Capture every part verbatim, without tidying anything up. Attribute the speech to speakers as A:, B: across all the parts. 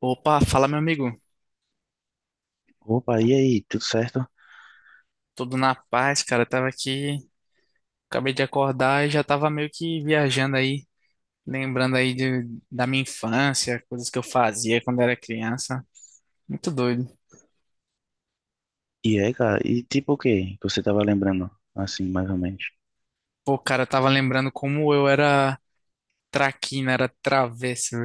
A: Opa, fala meu amigo.
B: Opa, e aí, tudo certo?
A: Tudo na paz, cara. Eu tava aqui, acabei de acordar e já tava meio que viajando aí, lembrando aí de, da minha infância, coisas que eu fazia quando era criança. Muito doido.
B: E aí, cara, e tipo o que você tava lembrando, assim, mais ou menos?
A: Pô, cara, eu tava lembrando como eu era traquina, era travesso.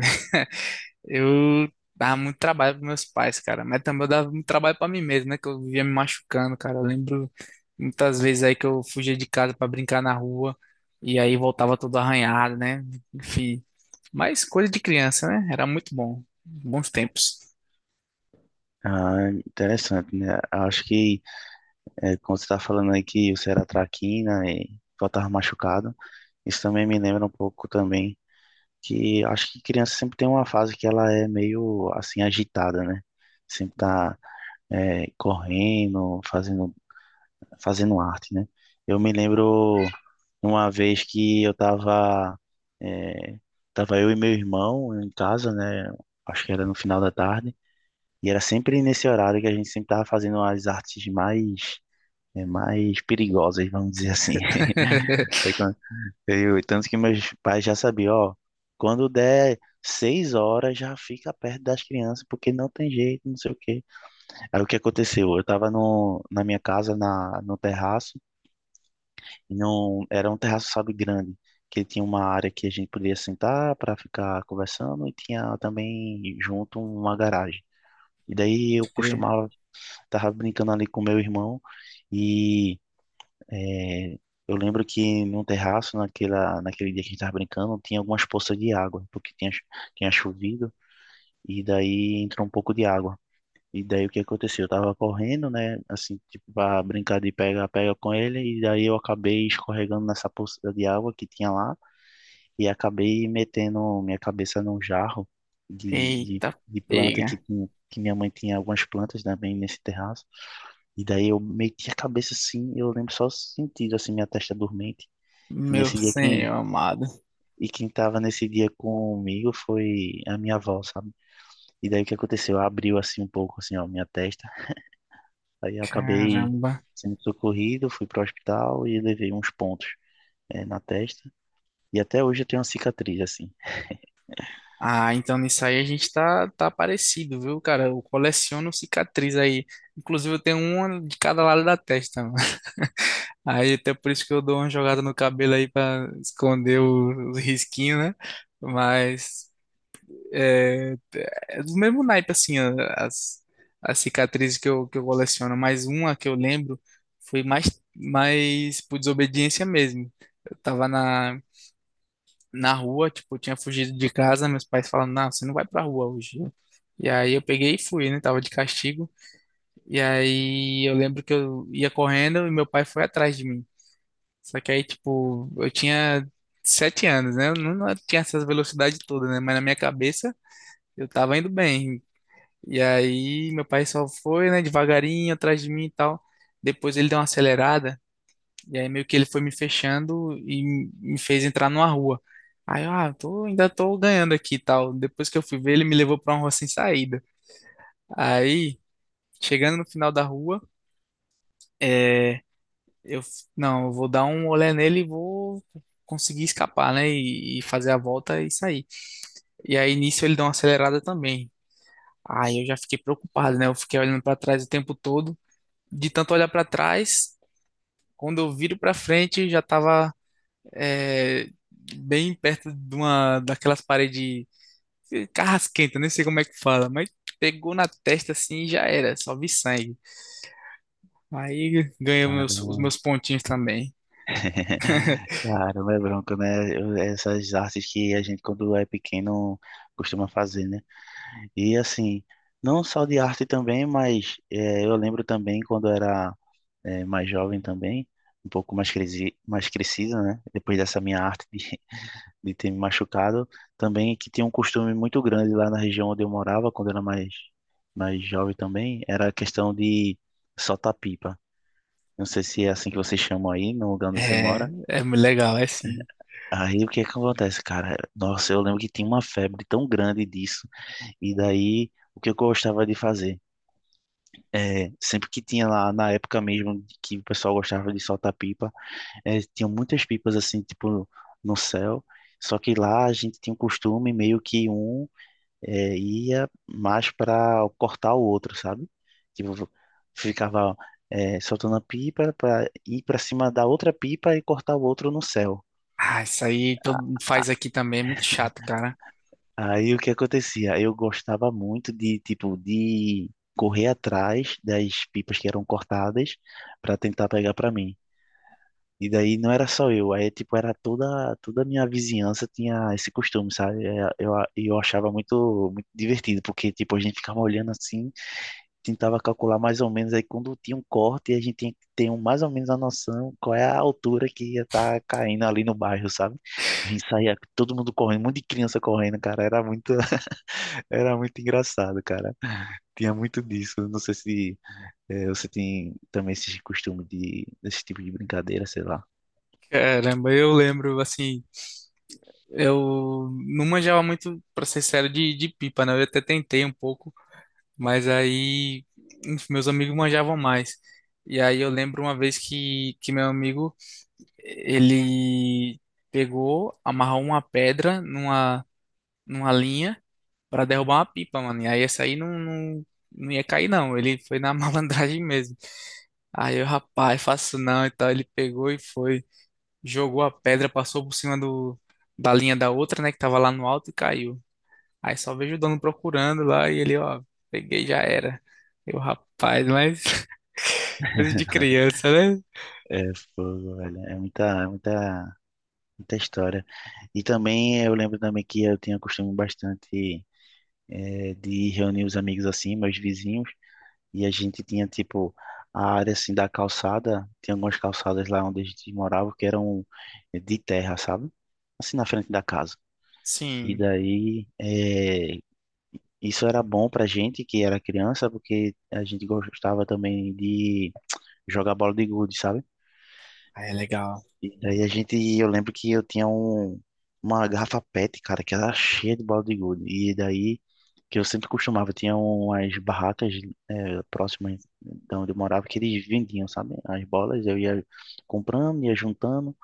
A: Eu dava muito trabalho para meus pais, cara, mas também eu dava muito trabalho para mim mesmo, né? Que eu vivia me machucando, cara. Eu lembro muitas vezes aí que eu fugia de casa para brincar na rua e aí voltava todo arranhado, né? Enfim, mas coisa de criança, né? Era muito bom. Bons tempos.
B: Ah, interessante, né? Acho que é, quando você tá falando aí que você era traquina e voltava machucado, isso também me lembra um pouco também que acho que criança sempre tem uma fase que ela é meio, assim, agitada, né? Sempre tá é, correndo, fazendo fazendo arte, né? Eu me lembro uma vez que eu tava, eh, tava eu e meu irmão em casa, né? Acho que era no final da tarde, e era sempre nesse horário que a gente sempre tava fazendo as artes mais, eh, mais perigosas, vamos dizer assim. Aí quando- eu- Tanto que meus pais já sabiam, ó, quando der seis horas já fica perto das crianças, porque não tem jeito, não sei o quê. Aí o que aconteceu? Eu tava no, na minha casa, na, no terraço, não, era um terraço, sabe, grande, que tinha uma área que a gente podia sentar para ficar conversando e tinha também junto uma garagem. E daí eu costumava Tava brincando ali com meu irmão e eh, eu lembro que no terraço, naquela, naquele dia que a gente tava brincando, tinha algumas poças de água, porque tinha, cho- tinha chovido e daí entrou um pouco de água. E daí o que aconteceu? Eu tava correndo, né? Assim, tipo, pra brincar de pega-pega com ele, e daí eu acabei escorregando nessa poça de água que tinha lá, e acabei metendo minha cabeça num jarro de, de,
A: Eita,
B: de planta que,
A: pega.
B: tinha- que minha mãe tinha algumas plantas, também nesse terraço. E daí eu meti a cabeça assim, eu lembro só sentindo, assim, minha testa dormente. E
A: Meu
B: nesse dia quem.
A: senhor amado.
B: E quem tava nesse dia comigo foi a minha avó, sabe? E daí o que aconteceu? Ela abriu assim um pouco, assim, ó, minha testa. Aí acabei
A: Caramba.
B: sendo socorrido, fui para o hospital e levei uns pontos, eh, na testa. E até hoje eu tenho uma cicatriz, assim.
A: Ah, então nisso aí a gente tá, tá parecido, viu, cara? Eu coleciono cicatriz aí. Inclusive eu tenho uma de cada lado da testa, mano. Aí até por isso que eu dou uma jogada no cabelo aí pra esconder o- os risquinhos, né? Mas é, é do mesmo naipe, assim, a- as, as cicatrizes que eu, que eu coleciono. Mas uma que eu lembro foi mais, mais por desobediência mesmo. Eu tava na na rua, tipo, eu tinha fugido de casa, meus pais falaram, não, você não vai pra rua hoje. E aí eu peguei e fui, né? Tava de castigo. E aí eu lembro que eu ia correndo e meu pai foi atrás de mim. Só que aí, tipo, eu tinha sete anos, né? Eu não, não tinha essas velocidades todas, né? Mas na minha cabeça eu tava indo bem. E aí meu pai só foi, né, devagarinho atrás de mim e tal. Depois ele deu uma acelerada e aí meio que ele foi me fechando e me fez entrar numa rua. Aí eu, ah, tô, ainda tô ganhando aqui e tal. Depois que eu fui ver, ele me levou pra uma rua sem saída. Aí, chegando no final da rua, é, eu, f- não, eu vou dar um olé nele e vou conseguir escapar, né? E, e fazer a volta e sair. E aí, nisso, ele deu uma acelerada também. Aí eu já fiquei preocupado, né? Eu fiquei olhando pra trás o tempo todo. De tanto olhar pra trás, quando eu viro pra frente, já tava é, bem perto de uma daquelas paredes carrasquenta, nem sei como é que fala, mas pegou na testa assim e já era, só vi sangue. Aí ganhei
B: Caramba,
A: meus- os meus pontinhos também.
B: caramba, é bronco, né? Eu- Essas artes que a gente, quando é pequeno, costuma fazer, né? E assim, não só de arte também, mas eh, eu lembro também quando eu era eh, mais jovem também, um pouco mais, cresi mais crescido, né? Depois dessa minha arte de, de ter me machucado. Também que tinha um costume muito grande lá na região onde eu morava, quando eu era mais, mais jovem também, era a questão de soltar pipa. Não sei se é assim que vocês chamam aí, no lugar onde você
A: É,
B: mora.
A: é mu- legal, é sim.
B: Aí o que é que acontece, cara? Nossa, eu lembro que tinha uma febre tão grande disso. E daí, o que eu gostava de fazer? É, sempre que tinha lá, na época mesmo, que o pessoal gostava de soltar pipa, é, tinha muitas pipas assim, tipo, no céu. Só que lá a gente tinha um costume meio que um é, ia mais para cortar o outro, sabe? Tipo, ficava é, soltando a pipa para ir para cima da outra pipa e cortar o outro no céu.
A: Ah, isso aí todo mundo faz aqui também, é muito chato, cara.
B: Aí o que acontecia? Eu gostava muito de, tipo, de correr atrás das pipas que eram cortadas para tentar pegar para mim. E daí não era só eu, aí tipo era toda toda a minha vizinhança tinha esse costume, sabe? É, Eu, eu achava muito muito divertido, porque tipo a gente ficava olhando assim tentava calcular mais ou menos aí quando tinha um corte, a gente tinha que ter um, mais ou menos a noção qual é a altura que ia estar caindo ali no bairro, sabe? A gente saía todo mundo correndo, um monte de criança correndo, cara, era muito, era muito engraçado, cara. Tinha muito disso. Não sei se eh, você tem também esse costume de desse tipo de brincadeira, sei lá.
A: Caramba, eu lembro, assim, eu não manjava muito, pra ser sério, de, de pipa, né? Eu até tentei um pouco. Mas aí, enfim, meus amigos manjavam mais. E aí eu lembro uma vez que, que meu amigo, ele pegou, amarrou uma pedra numa, numa linha para derrubar uma pipa, mano. E aí essa aí não, não, não ia cair, não. Ele foi na malandragem mesmo. Aí eu, rapaz, faço não. Então ele pegou e foi, jogou a pedra, passou por cima do, da linha da outra, né, que tava lá no alto e caiu. Aí só vejo o dono procurando lá e ele, ó, peguei, já era. Eu, rapaz, mas coisa de criança, né?
B: É, fogo, velho. É muita, é muita Muita história. E também eu lembro também que eu tinha costume bastante eh, de reunir os amigos assim, meus vizinhos, e a gente tinha tipo a área assim da calçada, tinha algumas calçadas lá onde a gente morava que eram eh, de terra, sabe? Assim na frente da casa. E
A: Sim.
B: daí eh, isso era bom pra gente que era criança, porque a gente gostava também de jogar bola de gude, sabe?
A: Aí é legal.
B: E daí a gente, eu lembro que eu tinha um, uma garrafa PET, cara, que era cheia de bala de gude. E daí, que eu sempre costumava, tinha umas barracas eh, próximas de onde eu morava que eles vendiam, sabe? As bolas, eu ia comprando, ia juntando.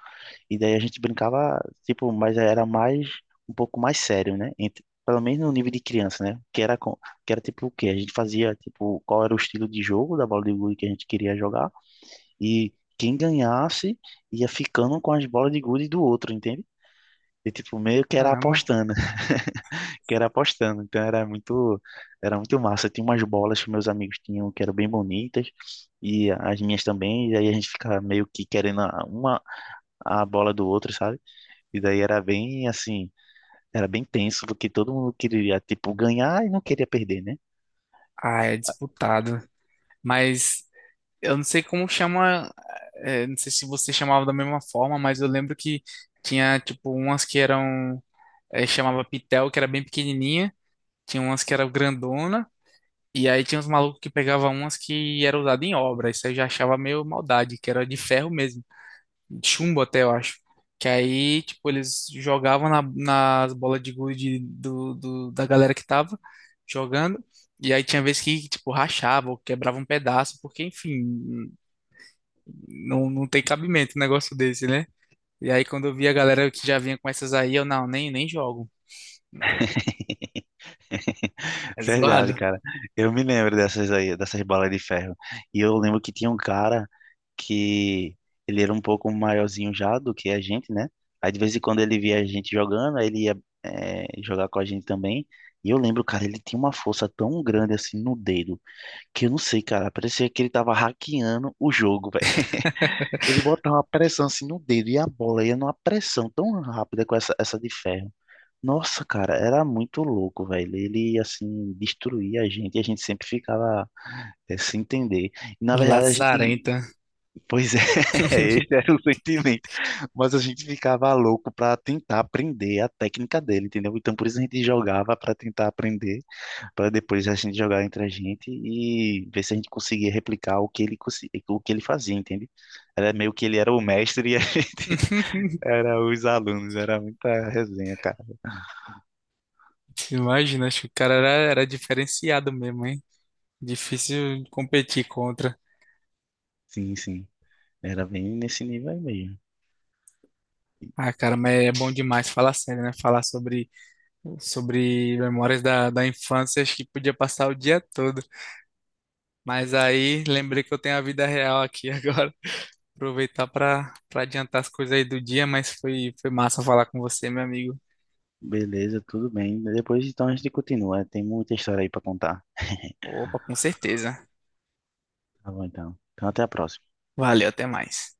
B: E daí a gente brincava, tipo, mas era mais, um pouco mais sério, né? Entre- pelo menos no nível de criança, né? Que era, com- que era tipo o quê? A gente fazia, tipo, qual era o estilo de jogo da bola de gude que a gente queria jogar. E quem ganhasse ia ficando com as bolas de gude do outro, entende? E tipo, meio que era
A: Caramba.
B: apostando, que era apostando. Então era muito, era muito massa. Tinha umas bolas que meus amigos tinham que eram bem bonitas, e as minhas também, e aí a gente ficava meio que querendo a- uma a bola do outro, sabe? E daí era bem assim, era bem tenso, porque todo mundo queria, tipo, ganhar e não queria perder, né?
A: Ah, é disputado. Mas eu não sei como chama, é, não sei se você chamava da mesma forma, mas eu lembro que tinha, tipo, umas que eram, é, chamava pitel, que era bem pequenininha, tinha umas que eram grandona, e aí tinha uns malucos que pegavam umas que eram usadas em obra, isso eu já achava meio maldade, que era de ferro mesmo. Chumbo até, eu acho. Que aí, tipo, eles jogavam na, nas bolas de gude do, do- da galera que tava jogando. E aí tinha vezes que, tipo, rachava ou quebrava um pedaço, porque, enfim, não, não tem cabimento um negócio desse, né? E aí, quando eu vi a galera que já vinha com essas aí, eu, não, nem, nem jogo. É
B: Verdade,
A: zoado.
B: cara. Eu me lembro dessas aí, dessas bolas de ferro. E eu lembro que tinha um cara que ele era um pouco maiorzinho já do que a gente, né? Aí de vez em quando ele via a gente jogando, aí ele ia eh, jogar com a gente também. E eu lembro, cara, ele tinha uma força tão grande assim no dedo, que eu não sei, cara, parecia que ele tava hackeando o jogo, velho. Ele botava uma pressão assim no dedo e a bola ia numa pressão tão rápida com essa, essa de ferro. Nossa, cara, era muito louco, velho. Ele, assim, destruía a gente e a gente sempre ficava eh, sem entender. E, na verdade, a gente.
A: Lazarenta.
B: Pois é, esse era o sentimento. Mas a gente ficava louco pra tentar aprender a técnica dele, entendeu? Então, por isso a gente jogava pra tentar aprender, pra depois a gente jogar entre a gente e ver se a gente conseguia replicar o que ele, consi- o que ele fazia, entende? Era meio que ele era o mestre e a gente era os alunos. Era muita resenha, cara.
A: Imagina, acho que o cara era, era diferenciado mesmo, hein? Difícil competir contra.
B: Sim, sim. Era bem nesse nível aí mesmo.
A: Ah, cara, mas é bom demais falar sério, né? Falar sobre, sobre memórias da, da infância, acho que podia passar o dia todo. Mas aí lembrei que eu tenho a vida real aqui agora. Aproveitar para para adiantar as coisas aí do dia, mas foi, foi massa falar com você, meu amigo.
B: Beleza, tudo bem. Depois então a gente continua. Tem muita história aí pra contar.
A: Opa, com certeza.
B: Tá bom então. Então até a próxima.
A: Valeu, até mais.